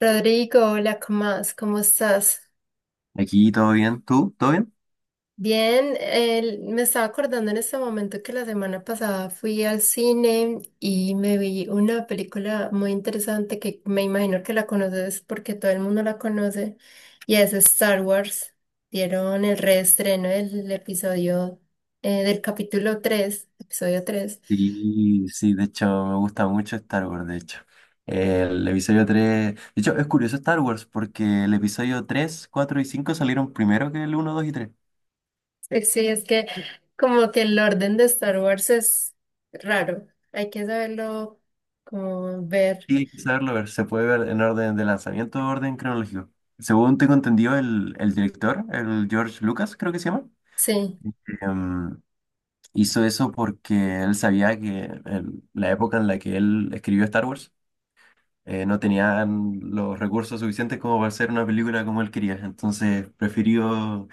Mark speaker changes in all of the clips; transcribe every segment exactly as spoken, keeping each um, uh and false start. Speaker 1: Rodrigo, hola, ¿cómo más? ¿Cómo estás?
Speaker 2: Aquí todo bien, ¿tú? ¿Todo bien?
Speaker 1: Bien, el- me estaba acordando en este momento que la semana pasada fui al cine y me vi una película muy interesante que me imagino que la conoces porque todo el mundo la conoce y es Star Wars. Dieron el reestreno del episodio, eh, del capítulo tres, episodio tres.
Speaker 2: Sí, sí, de hecho me gusta mucho Star Wars, de hecho. El episodio tres, de hecho es curioso Star Wars porque el episodio tres, cuatro y cinco salieron primero que el uno, dos y tres.
Speaker 1: Sí, sí, es que como que el orden de Star Wars es raro, hay que saberlo como ver.
Speaker 2: Sí, hay que saberlo ver, se puede ver en orden de lanzamiento o orden cronológico. Según tengo entendido, el, el director, el George Lucas creo que se llama,
Speaker 1: Sí,
Speaker 2: em, hizo eso porque él sabía que en la época en la que él escribió Star Wars, eh, no tenían los recursos suficientes como para hacer una película como él quería. Entonces prefirió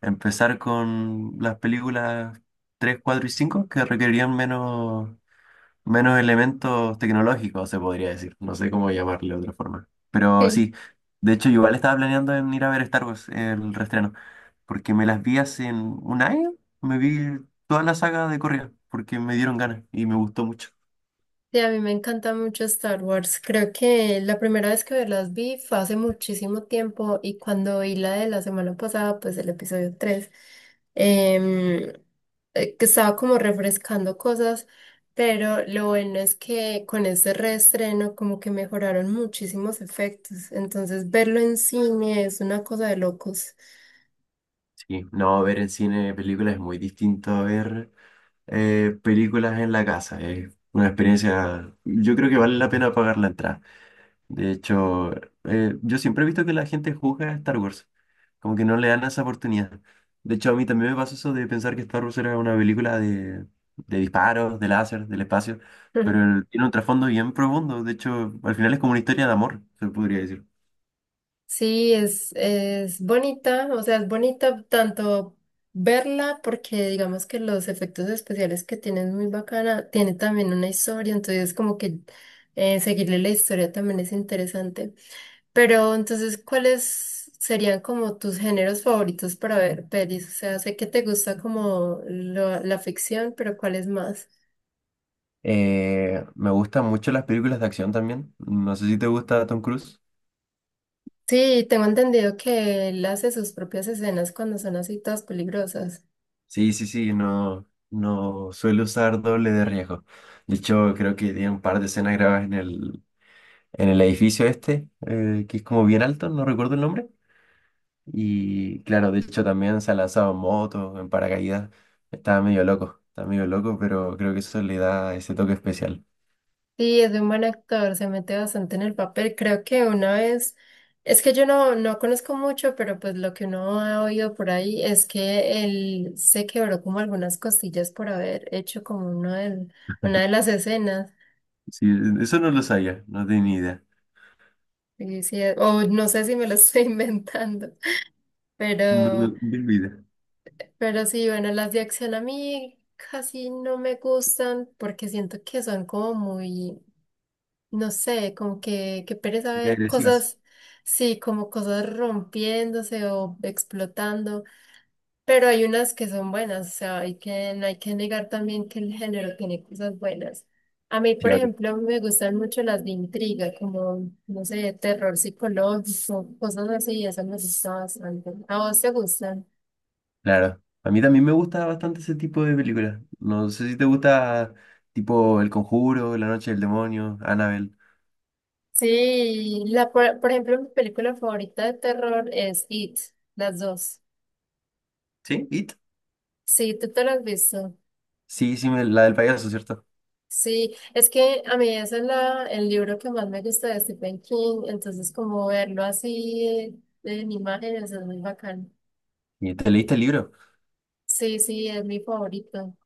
Speaker 2: empezar con las películas tres, cuatro y cinco que requerían menos, menos elementos tecnológicos, se podría decir. No sé cómo llamarle de otra forma. Pero
Speaker 1: sí,
Speaker 2: sí, de hecho yo igual estaba planeando en ir a ver Star Wars, el reestreno, porque me las vi hace un año, me vi toda la saga de Correa, porque me dieron ganas y me gustó mucho.
Speaker 1: sí, a mí me encanta mucho Star Wars. Creo que la primera vez que las vi fue hace muchísimo tiempo y cuando vi la de la semana pasada, pues el episodio tres, em, eh, que estaba como refrescando cosas, pero lo bueno es que con este reestreno como que mejoraron muchísimos efectos, entonces verlo en cine es una cosa de locos.
Speaker 2: Sí, no, ver en cine películas es muy distinto a ver eh, películas en la casa. Es una experiencia, yo creo que vale la pena pagar la entrada. De hecho, eh, yo siempre he visto que la gente juzga a Star Wars, como que no le dan esa oportunidad. De hecho, a mí también me pasó eso de pensar que Star Wars era una película de, de disparos, de láser, del espacio, pero el- tiene un trasfondo bien profundo. De hecho, al final es como una historia de amor, se podría decir.
Speaker 1: Sí, es, es bonita, o sea, es bonita tanto verla porque digamos que los efectos especiales que tiene es muy bacana, tiene también una historia, entonces como que eh, seguirle la historia también es interesante. Pero entonces, ¿cuáles serían como tus géneros favoritos para ver pelis? O sea, sé que te gusta como lo- la ficción, pero ¿cuáles más?
Speaker 2: Eh, me gustan mucho las películas de acción también. No sé si te gusta Tom Cruise.
Speaker 1: Sí, tengo entendido que él hace sus propias escenas cuando son así todas peligrosas.
Speaker 2: Sí, sí, sí, no, no suelo usar doble de riesgo. De hecho, creo que tiene un par de escenas grabadas en el, en el edificio este, eh, que es como bien alto, no recuerdo el nombre. Y claro, de hecho también se ha lanzado en moto, en paracaídas. Estaba medio loco, estaba medio loco, pero creo que eso le da ese toque especial.
Speaker 1: Sí, es un buen actor, se mete bastante en el papel. Creo que una vez, es que yo no, no conozco mucho, pero pues lo que uno ha oído por ahí es que él se quebró como algunas costillas por haber hecho como uno del- una de las escenas.
Speaker 2: Sí, eso no lo sabía, no tenía ni idea.
Speaker 1: Y sí, eh, o no sé si me lo estoy inventando,
Speaker 2: No, no,
Speaker 1: pero,
Speaker 2: ni idea.
Speaker 1: pero sí, bueno, las de acción a mí casi no me gustan porque siento que son como muy... no sé, como que, que pereza
Speaker 2: Y
Speaker 1: ver
Speaker 2: agresivas.
Speaker 1: cosas, sí, como cosas rompiéndose o explotando, pero hay unas que son buenas, o sea, hay que, no hay que negar también que el género tiene cosas buenas. A mí, por ejemplo, me gustan mucho las de intriga, como, no sé, terror psicológico, cosas así, eso me gusta bastante. ¿A vos te gustan?
Speaker 2: Claro, a mí también me gusta bastante ese tipo de películas. No sé si te gusta tipo El Conjuro, La Noche del Demonio, Annabelle.
Speaker 1: Sí, la, por, por ejemplo, mi película favorita de terror es It, las dos.
Speaker 2: ¿Sí? ¿It?
Speaker 1: Sí, tú te las has visto.
Speaker 2: Sí, sí, me- la del payaso, ¿cierto?
Speaker 1: Sí, es que a mí ese es la, el libro que más me gusta de Stephen King, entonces como verlo así eh, en imágenes es muy bacán.
Speaker 2: ¿Y te leíste el libro?
Speaker 1: Sí, sí, es mi favorito.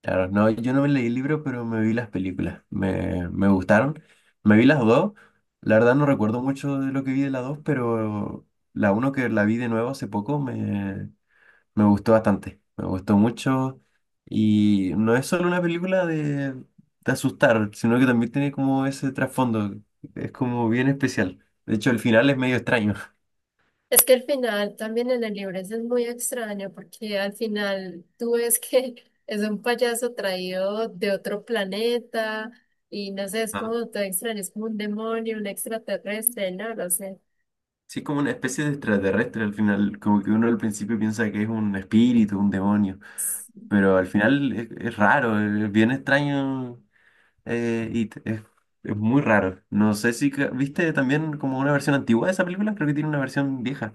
Speaker 2: Claro, no, yo no me leí el libro, pero me vi las películas. Me, me gustaron. Me vi las dos. La verdad no recuerdo mucho de lo que vi de las dos, pero la uno que la vi de nuevo hace poco me Me gustó bastante, me gustó mucho y no es solo una película de, de asustar, sino que también tiene como ese trasfondo, es como bien especial. De hecho, el final es medio extraño.
Speaker 1: Es que el final también en el libro ese es muy extraño porque al final tú ves que es un payaso traído de otro planeta y no sé, es
Speaker 2: Ah.
Speaker 1: como todo extraño, es como un demonio, un extraterrestre, no lo sé.
Speaker 2: Sí, es como una especie de extraterrestre al final, como que uno al principio piensa que es un espíritu, un demonio, pero al final es, es raro, eh, es bien extraño eh, y t- es, es muy raro. No sé si ca- viste también como una versión antigua de esa película, creo que tiene una versión vieja.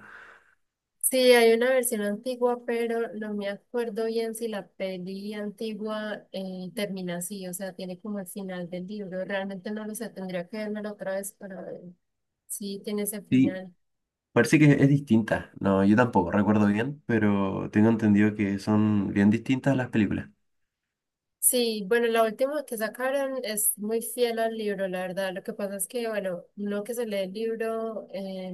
Speaker 1: Sí, hay una versión antigua, pero no me acuerdo bien si la peli antigua eh, termina así, o sea, tiene como el final del libro. Realmente no lo sé, tendría que vérmelo otra vez para ver si tiene ese
Speaker 2: Sí.
Speaker 1: final.
Speaker 2: Parece que es distinta. No, yo tampoco recuerdo bien, pero tengo entendido que son bien distintas las películas.
Speaker 1: Sí, bueno, la última que sacaron es muy fiel al libro, la verdad. Lo que pasa es que, bueno, uno que se lee el libro, eh,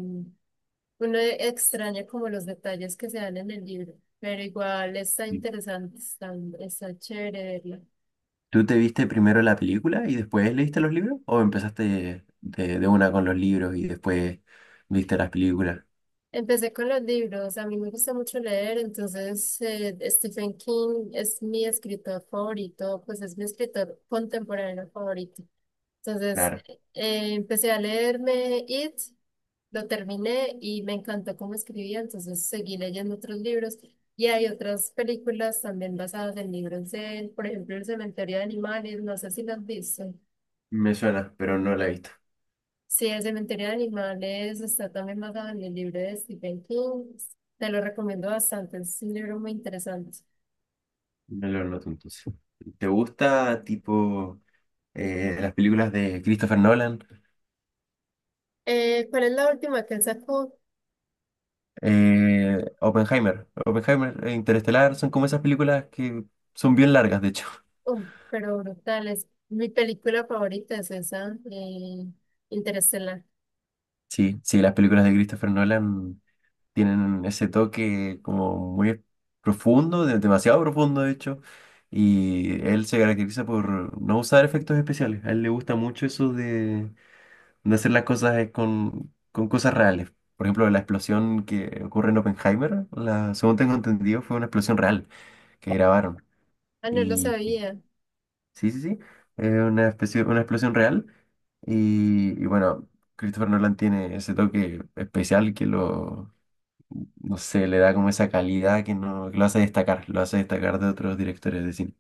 Speaker 1: uno extraña como los detalles que se dan en el libro, pero igual está
Speaker 2: Sí.
Speaker 1: interesante, está, está chévere verla.
Speaker 2: ¿Tú te viste primero la película y después leíste los libros? ¿O empezaste de, de una con los libros y después viste las películas?
Speaker 1: Empecé con los libros, a mí me gusta mucho leer, entonces eh, Stephen King es mi escritor favorito, pues es mi escritor contemporáneo favorito. Entonces
Speaker 2: Claro,
Speaker 1: eh, empecé a leerme It, lo terminé y me encantó cómo escribía, entonces seguí leyendo otros libros y hay otras películas también basadas en libros de él, por ejemplo El Cementerio de Animales, no sé si las has visto.
Speaker 2: me suena, pero no la he visto.
Speaker 1: Sí, el cementerio de animales está también basado en el libro de Stephen King. Te lo recomiendo bastante, es un libro muy interesante.
Speaker 2: Me lo noto entonces. ¿Te gusta tipo eh, las películas de Christopher Nolan?
Speaker 1: Eh, ¿cuál es la última que él sacó?
Speaker 2: Eh, Oppenheimer. Oppenheimer e Interestelar son como esas películas que son bien largas, de hecho.
Speaker 1: Oh, pero brutal, es mi película favorita, es esa, eh, Interestelar.
Speaker 2: Sí, sí, las películas de Christopher Nolan tienen ese toque como muy profundo, de- demasiado profundo de hecho, y él se caracteriza por no usar efectos especiales. A él le gusta mucho eso de, de hacer las cosas eh, con, con cosas reales. Por ejemplo, la explosión que ocurre en Oppenheimer, la, según tengo entendido, fue una explosión real que grabaron.
Speaker 1: Ah, no lo sabía.
Speaker 2: Sí, sí, sí. Es una especie, una explosión real. Y, y bueno, Christopher Nolan tiene ese toque especial que lo, no sé, le da como esa calidad que, no, que lo hace destacar, lo hace destacar de otros directores de cine.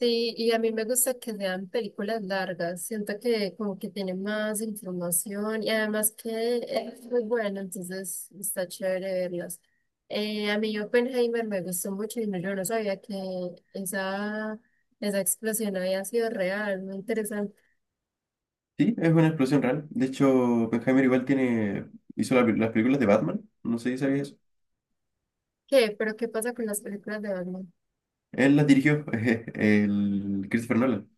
Speaker 1: Sí, y a mí me gusta que sean películas largas, siento que como que tiene más información y además que es muy bueno, entonces está chévere verlas. Eh, a mí Oppenheimer me gustó mucho y no, yo no sabía que esa, esa explosión había sido real, muy interesante.
Speaker 2: Sí, es una explosión real. De hecho, Oppenheimer igual tiene, hizo la- las películas de Batman, no sé si sabías eso.
Speaker 1: ¿Qué? ¿Pero qué pasa con las películas de Batman?
Speaker 2: Él las dirigió, el Christopher Nolan.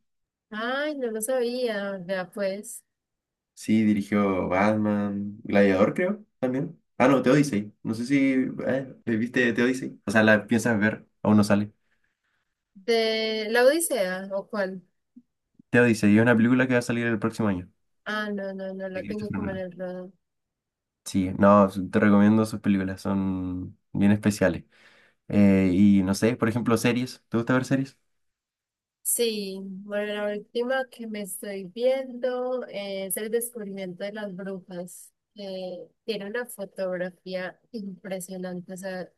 Speaker 1: Ay, no lo sabía, vea pues.
Speaker 2: Sí, dirigió Batman, Gladiador, creo, también. Ah, no, The Odyssey. No sé si eh, ¿viste The Odyssey? O sea, la piensas ver, aún no sale.
Speaker 1: ¿De La Odisea o cuál?
Speaker 2: The Odyssey es una película que va a salir el próximo año.
Speaker 1: Ah, no, no, no la
Speaker 2: De
Speaker 1: tengo
Speaker 2: Christopher
Speaker 1: como en
Speaker 2: Nolan.
Speaker 1: el radar.
Speaker 2: Sí, no, te recomiendo sus películas, son bien especiales. Eh, y no sé, por ejemplo, series. ¿Te gusta ver series?
Speaker 1: Sí, bueno, la última que me estoy viendo es el descubrimiento de las brujas, que tiene una fotografía impresionante. O sea,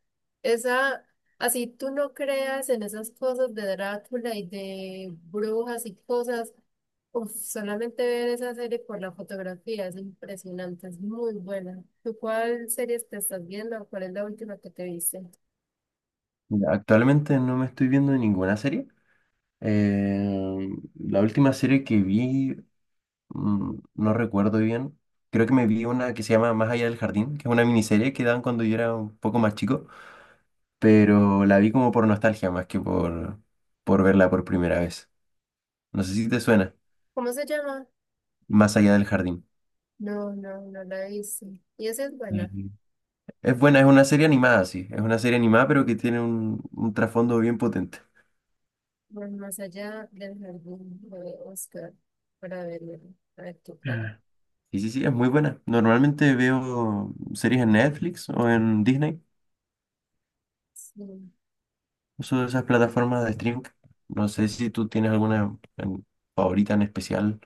Speaker 1: esa, así tú no creas en esas cosas de Drácula y de brujas y cosas, uf, solamente ver esa serie por la fotografía es impresionante, es muy buena. ¿Tú cuál serie te estás viendo? ¿Cuál es la última que te viste?
Speaker 2: Mira, actualmente no me estoy viendo ninguna serie. Eh, la última serie que vi Mm, no recuerdo bien. Creo que me vi una que se llama Más allá del jardín, que es una miniserie que daban cuando yo era un poco más chico, pero la vi como por nostalgia más que por, por verla por primera vez. No sé si te suena,
Speaker 1: ¿Cómo se llama?
Speaker 2: Más allá del jardín.
Speaker 1: No, no, no la he visto. Y esa es buena.
Speaker 2: Ujú. Es buena, es una serie animada, sí. Es una serie animada, pero que tiene un, un trasfondo bien potente.
Speaker 1: Pues más allá del jardín, voy a buscar para verlo, a ver qué tal.
Speaker 2: Ah, sí, sí, sí, es muy buena. Normalmente veo series en Netflix o en Disney,
Speaker 1: Sí.
Speaker 2: uso esas plataformas de streaming. No sé si tú tienes alguna en- favorita en especial.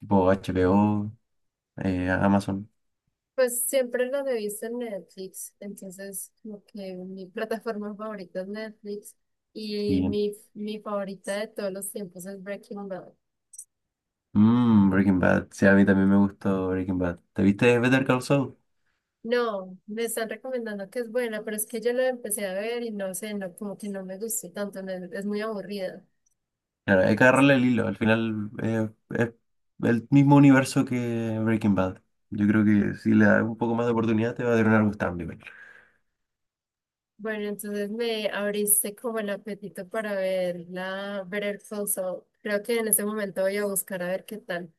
Speaker 2: Tipo H HBO, eh, Amazon.
Speaker 1: Pues siempre lo he visto en Netflix, entonces como que mi plataforma favorita es Netflix y
Speaker 2: Sí.
Speaker 1: mi, mi favorita de todos los tiempos es Breaking Bad.
Speaker 2: Mm, Breaking Bad. Sí, a mí también me gustó Breaking Bad. ¿Te viste Better Call Saul?
Speaker 1: No, me están recomendando que es buena, pero es que yo la empecé a ver y no sé, no, como que no me gustó tanto, me- es muy aburrida.
Speaker 2: Claro, hay que agarrarle el hilo. Al final eh, es el mismo universo que Breaking Bad. Yo creo que si le das un poco más de oportunidad te va a dar un algo cambio.
Speaker 1: Bueno, entonces me abriste como el apetito para ver la Better Call Saul. Creo que en ese momento voy a buscar a ver qué tal.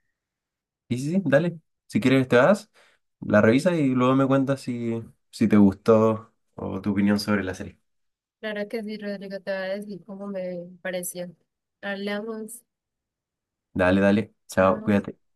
Speaker 2: Y sí, sí, dale. Si quieres te vas, la revisas y luego me cuentas si, si te gustó o tu opinión sobre la serie.
Speaker 1: Claro que sí, Rodrigo, te voy a decir cómo me pareció. Hablamos.
Speaker 2: Dale, dale. Chao,
Speaker 1: Chao.
Speaker 2: cuídate.